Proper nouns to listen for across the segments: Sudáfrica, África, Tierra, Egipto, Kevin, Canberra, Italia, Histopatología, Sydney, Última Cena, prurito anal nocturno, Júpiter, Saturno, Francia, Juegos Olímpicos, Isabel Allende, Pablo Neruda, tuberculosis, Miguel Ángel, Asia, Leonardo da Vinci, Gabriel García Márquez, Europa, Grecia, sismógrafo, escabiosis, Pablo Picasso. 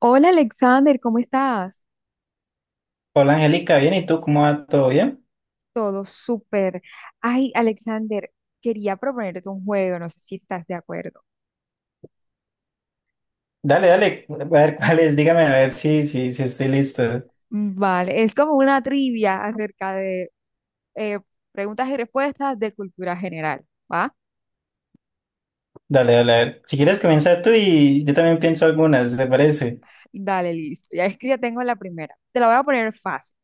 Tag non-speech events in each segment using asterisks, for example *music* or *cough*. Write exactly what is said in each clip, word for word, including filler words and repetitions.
Hola Alexander, ¿cómo estás? Hola Angélica, bien, ¿y tú cómo va? ¿Todo bien? Todo súper. Ay, Alexander, quería proponerte un juego, no sé si estás de acuerdo. Dale, dale, a ver cuáles, dígame a ver si, si, si estoy listo. Mm, Vale, es como una trivia acerca de eh, preguntas y respuestas de cultura general, ¿va? Dale, dale, a ver. Si quieres comenzar tú y yo también pienso algunas, ¿te parece? Dale, listo. Ya es que ya tengo la primera. Te la voy a poner fácil.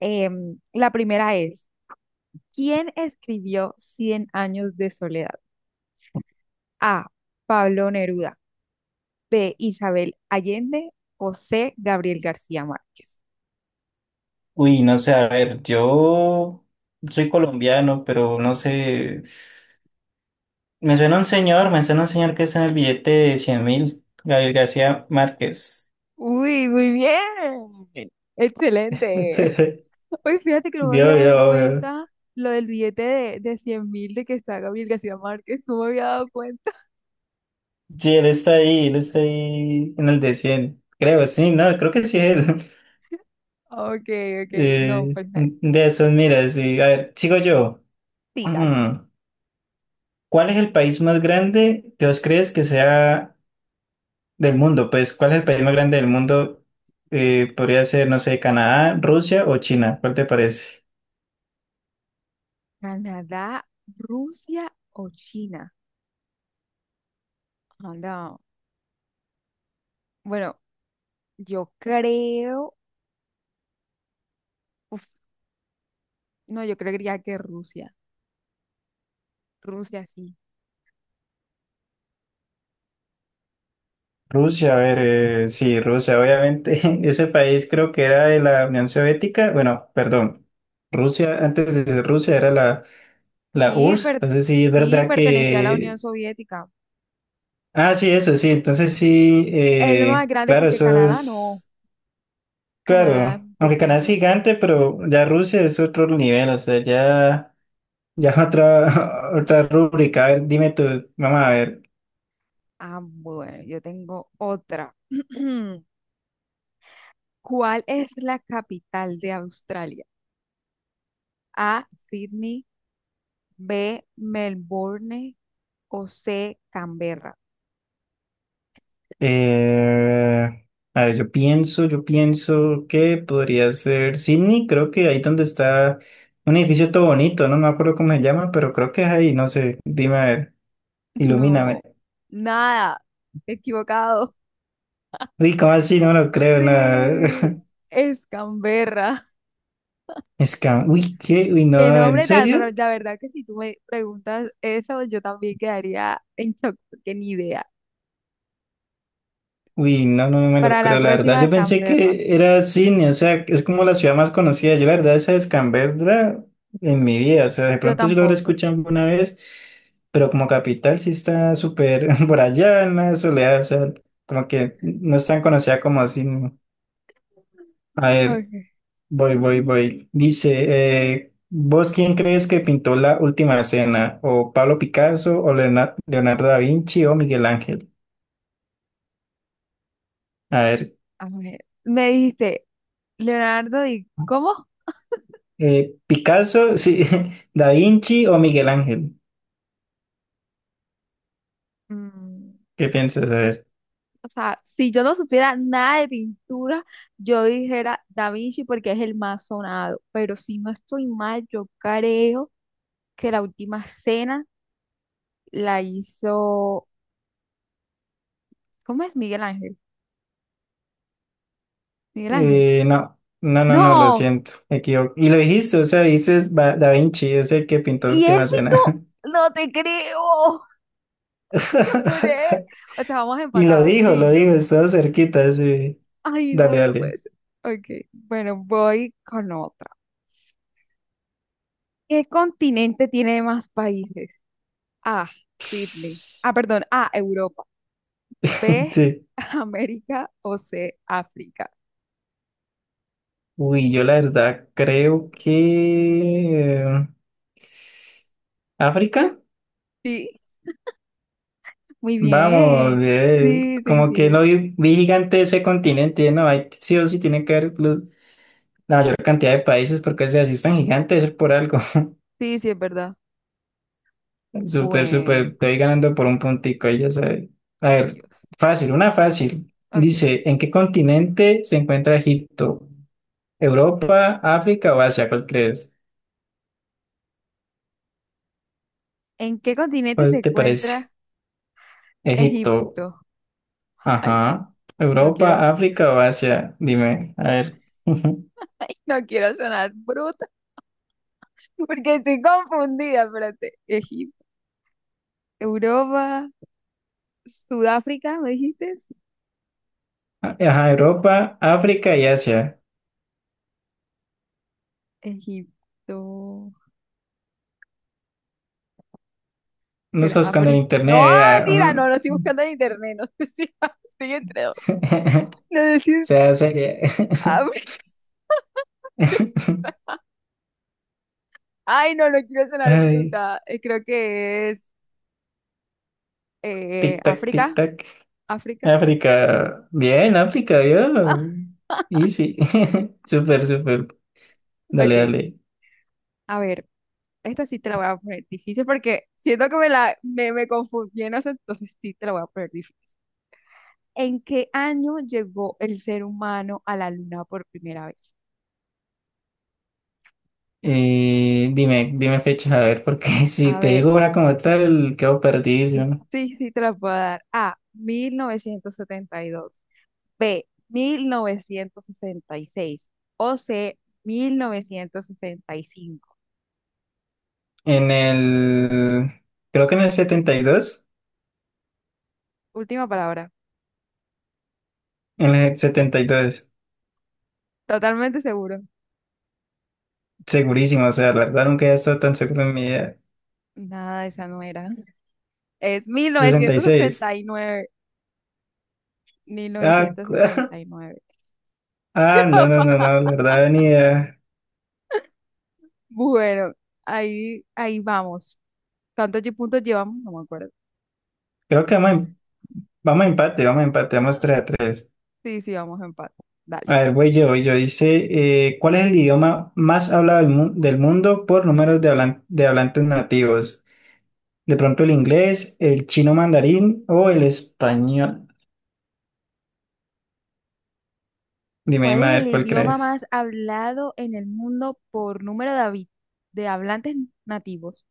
Em, la primera es, ¿quién escribió Cien años de soledad? A, Pablo Neruda. B, Isabel Allende. O C, Gabriel García Márquez. Uy, no sé, a ver, yo soy colombiano, pero no sé. Me suena un señor, me suena un señor que está en el billete de cien mil, Gabriel García Márquez. Uy, muy bien. Excelente. *laughs* Hoy fíjate que no me había Vio, dado vio, vio. cuenta lo del billete de, de cien mil de que está Gabriel García Márquez. No me había dado cuenta. *laughs* Sí, él está ahí, él está ahí en el de cien. Creo, sí, no, creo que sí es él. Ok, ok. No, Eh, pues nice. De eso, mira, sí. A ver, sigo yo. Sí, dale. Mm, ¿Cuál es el país más grande que vos crees que sea del mundo? Pues, ¿cuál es el país más grande del mundo? Eh, podría ser, no sé, Canadá, Rusia o China. ¿Cuál te parece? Canadá, Rusia o China. Ah, no. Bueno, yo creo. Uf, no, yo creería que Rusia. Rusia sí. Rusia, a ver, eh, sí, Rusia, obviamente. *laughs* Ese país creo que era de la Unión Soviética. Bueno, perdón. Rusia, antes de ser Rusia era la, la Sí, U R S S. per- Entonces, sí, es sí, verdad pertenecía a la Unión que. Soviética. Ah, sí, eso, sí. Entonces sí, El más eh, grande claro, porque eso Canadá no. es, Canadá es claro, aunque Canadá es pequeño. gigante, pero ya Rusia es otro nivel, o sea, ya, ya *laughs* otra, otra rúbrica. A ver, dime tú, vamos a ver. Ah, bueno, yo tengo otra. *clears throat* ¿Cuál es la capital de Australia? A, Sydney, B, Melbourne o C, Canberra. eh, a ver, yo pienso, yo pienso que podría ser Sydney, creo que ahí donde está un edificio todo bonito, no me acuerdo cómo se llama, pero creo que es ahí, no sé, dime, a ver, *laughs* ilumíname. No, nada, equivocado. Uy, ¿cómo así? No me lo creo, no. Sí, es Canberra. *laughs* Es que, uy, ¿qué? Uy, Qué no, ¿en nombre tan serio? raro. La verdad que si tú me preguntas eso, yo también quedaría en shock, porque ni idea. Uy, no, no, no me lo Para la creo, la verdad. próxima, Yo pensé Canberra. que era cine, o sea, es como la ciudad más conocida. Yo, la verdad, esa es Canberra en mi vida, o sea, de Yo pronto sí lo habré tampoco. escuchado alguna vez, pero como capital sí está súper *laughs* por allá en la soledad, o sea, como que no es tan conocida como cine. A ver, Ok, voy, voy, voy. Dice, eh, ¿vos quién crees que pintó la última cena? ¿O Pablo Picasso, o Leonardo, Leonardo da Vinci, o Miguel Ángel? A ver, a ver. Me dijiste Leonardo, ¿y cómo? Eh, Picasso, sí, *laughs* Da Vinci o Miguel Ángel. Mm, ¿Qué piensas? A ver. o sea, si yo no supiera nada de pintura, yo dijera Da Vinci porque es el más sonado. Pero si no estoy mal, yo creo que la última cena la hizo. ¿Cómo es Miguel Ángel? Miguel Ángel. Eh, no, no, no, no, lo ¡No! siento. Me equivoco. Y lo dijiste, o sea, dices Va- Da Vinci, es el que pintó ¿Y él Última Cena. pintó? ¡No te creo! *laughs* Yo juré. *laughs* O sea, vamos Y lo empatados, dijo, lo dijo, lindo. estaba cerquita, sí. Ay, Dale, no, no puede dale. ser. Ok, bueno, voy con otra. ¿Qué continente tiene más países? A, Sydney. *laughs* Ah, perdón, A, Europa. B, Sí. *laughs* América o C, África. Uy, yo la verdad creo que... eh, ¿África? Sí, muy Vamos, bien. eh, Sí, sí, como que sí. no vi, vi gigante ese continente, no, hay sí o sí tiene que haber los- la mayor cantidad de países porque si así es tan gigante es por algo. *laughs* Sí, sí, es verdad. Súper, súper, Bueno, estoy ganando por un puntico, ahí ya sabes. A ay ver, Dios. fácil, una fácil. Ok. Dice, ¿en qué continente se encuentra Egipto? ¿Europa, África o Asia? ¿Cuál crees? ¿En qué continente se ¿Cuál te parece? encuentra Egipto, Egipto? Ay Dios. ajá. No quiero, ¿Europa, África o Asia? Dime, a ver. *laughs* *laughs* no quiero sonar bruta porque estoy confundida, espérate. Egipto, Europa, Sudáfrica, ¿me dijiste? Sí. Ajá, Europa, África y Asia. Egipto. No está Será buscando en Brit. internet, No, vea. mentira, no, un- no estoy buscando en internet, no sé si *laughs* estoy entre dos. *laughs* No sé si es sea seria. Abri- *laughs* *laughs* Ay, no, no quiero sonar Ay, bruta. Eh, Creo que es eh, tic-tac, África, tic-tac. África. *laughs* África. Bien, África, Ah, yo. Easy. *laughs* Súper, súper. Dale, ok, dale. a ver, esta sí te la voy a poner difícil porque siento que me la me, me confundí en eso, entonces sí te la voy a poner difícil. ¿En qué año llegó el ser humano a la luna por primera vez? Eh, dime, dime fechas, a ver, porque *laughs* si A te ver, digo una como tal, quedo perdido. sí, sí te la puedo dar. A, mil novecientos setenta y dos. B, mil novecientos sesenta y seis, o C, mil novecientos sesenta y cinco. En el. Creo que en el setenta y dos. Última palabra. En el setenta y dos. Totalmente seguro. Segurísimo, o sea, la verdad nunca he estado tan seguro en mi vida. Nada, esa no era. Es mil mil Sesenta y novecientos novecientos sesenta seis. sesenta y nueve, mil Ah, novecientos cu- sesenta *laughs* y nueve. ah, no, no, no, *laughs* no, la verdad ni idea. Bueno, ahí, ahí vamos. ¿Cuántos lle- puntos llevamos? No me acuerdo. Creo que vamos, en- vamos a empate, vamos a empate, vamos tres a tres. Sí, sí, vamos a empate. Dale. A ver, voy yo, voy yo. Dice, eh, ¿cuál es el idioma más hablado del, mu- del mundo por números de, hablan- de hablantes nativos? De pronto el inglés, el chino mandarín o el español. Dime, ¿Cuál dime es a el ver cuál idioma crees. más hablado en el mundo por número de, habi- de hablantes nativos?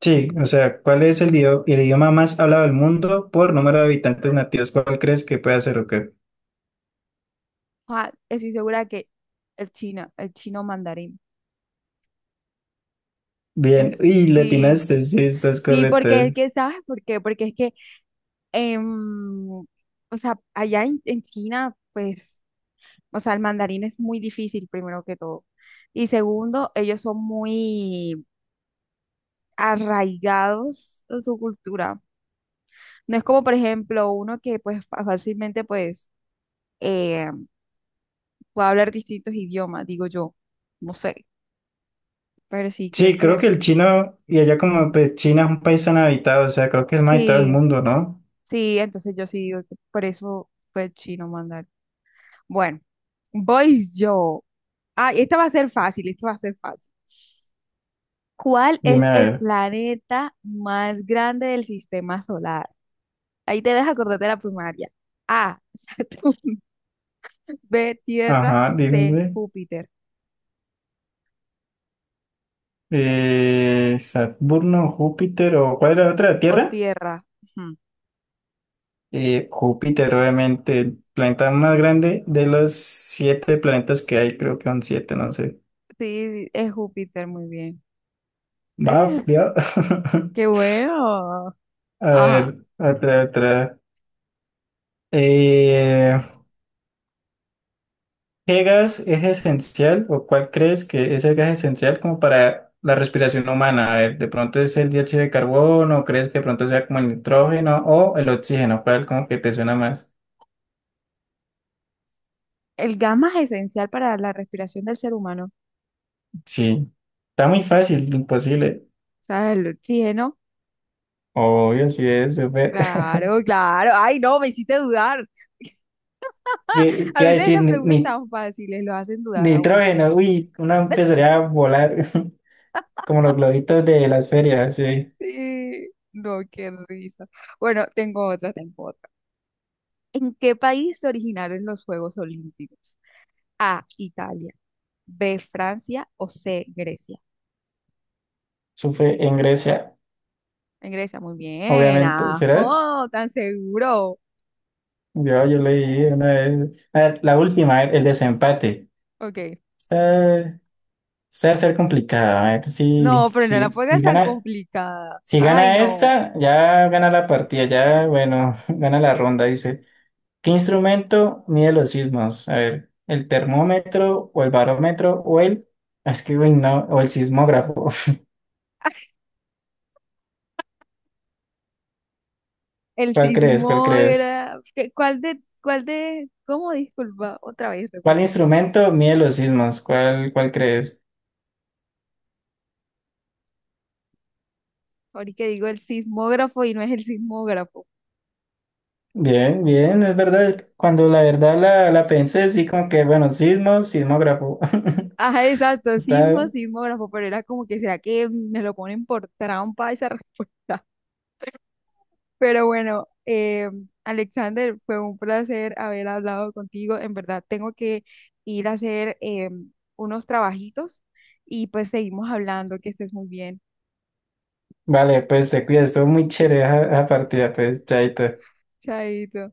Sí, o sea, ¿cuál es el, dio- el idioma más hablado del mundo por número de habitantes nativos? ¿Cuál crees que puede ser o qué? Juan, estoy segura que el chino, el chino mandarín. Bien, Es, y le sí, atinaste, sí, estás sí, correcto. porque es que, ¿sabes por qué? Porque es que, em, o sea, allá en, en China, pues, o sea, el mandarín es muy difícil, primero que todo. Y segundo, ellos son muy arraigados en su cultura. No es como, por ejemplo, uno que, pues, fa- fácilmente, pues, eh, puede hablar distintos idiomas, digo yo. No sé, pero sí, creo Sí, creo que que el chino, y allá como pues, China es un país tan habitado, o sea, creo que es el más habitado del sí. mundo, ¿no? Sí, entonces yo sí digo que por eso fue chino mandar. Bueno, voy yo. Ah, esta va a ser fácil, esta va a ser fácil. ¿Cuál Dime es a el ver. planeta más grande del sistema solar? Ahí te dejas acordar de la primaria. A, Saturno, *laughs* B, Tierra, Ajá, dime, C, güey. Júpiter Eh, Saturno, Júpiter, o ¿cuál era la otra? o ¿Tierra? Tierra. Ujú. Eh, Júpiter, obviamente, el planeta más grande de los siete planetas que hay, creo que son siete, no sé. Sí, es Júpiter, muy bien. Baf, ¿Ves? ya. Qué *laughs* bueno. A Ajá. ver, otra, otra. Eh, ¿Qué gas es esencial o cuál crees que es el gas esencial como para la respiración humana? A ver, ¿de pronto es el dióxido de carbono o crees que de pronto sea como el nitrógeno o el oxígeno? ¿Cuál como que te suena más? El gamma es esencial para la respiración del ser humano. Sí, está muy fácil, imposible. O sea, el oxígeno. Obvio, sí es súper. *laughs* Claro, claro. Ay, no, me hiciste dudar. *laughs* ¿Qué A qué iba a veces decir? esas Ni, preguntas ni- tan fáciles lo hacen dudar aún. Nitrógeno, uy, uno *laughs* empezaría a volar *laughs* como los globitos de las ferias, sí. Sí. No, qué risa. Bueno, tengo otra, tengo otra. ¿En qué país se originaron los Juegos Olímpicos? A, Italia, B, Francia o C, Grecia. Eso fue en Grecia, En Grecia, muy bien. obviamente. ¿Será? Ajo, tan seguro. Yo, yo leí una vez, a ver, la última, el, el desempate. Ok. Está, está a ser complicada. A ver si, No, pero no la si, pongas si tan gana, complicada. si Ay, gana no. esta, ya gana la partida, ya, bueno, *laughs* gana la ronda, dice. ¿Qué instrumento mide los sismos? A ver, ¿el termómetro o el barómetro o el, ah, es que, uy, no, o el sismógrafo? *laughs* El ¿Cuál crees? ¿Cuál crees? sismógrafo. ¿Qué- ¿Cuál de, cuál de, cómo? Disculpa, otra vez, ¿Cuál repito. instrumento mide los sismos? ¿Cuál, cuál crees? Ahorita digo el sismógrafo y no es el sismógrafo. Bien, bien, es verdad, es que cuando la verdad la, la pensé, sí, como que, bueno, sismo, sismógrafo. Ajá, *laughs* exacto, sismo, Está, sismógrafo, pero era como que, ¿será que me lo ponen por trampa esa *laughs* respuesta? Pero bueno, eh, Alexander, fue un placer haber hablado contigo. En verdad, tengo que ir a hacer eh, unos trabajitos y pues seguimos hablando, que estés muy bien. vale, pues te cuidas, estuvo muy chévere esa esa partida, pues, chaito. Chaito.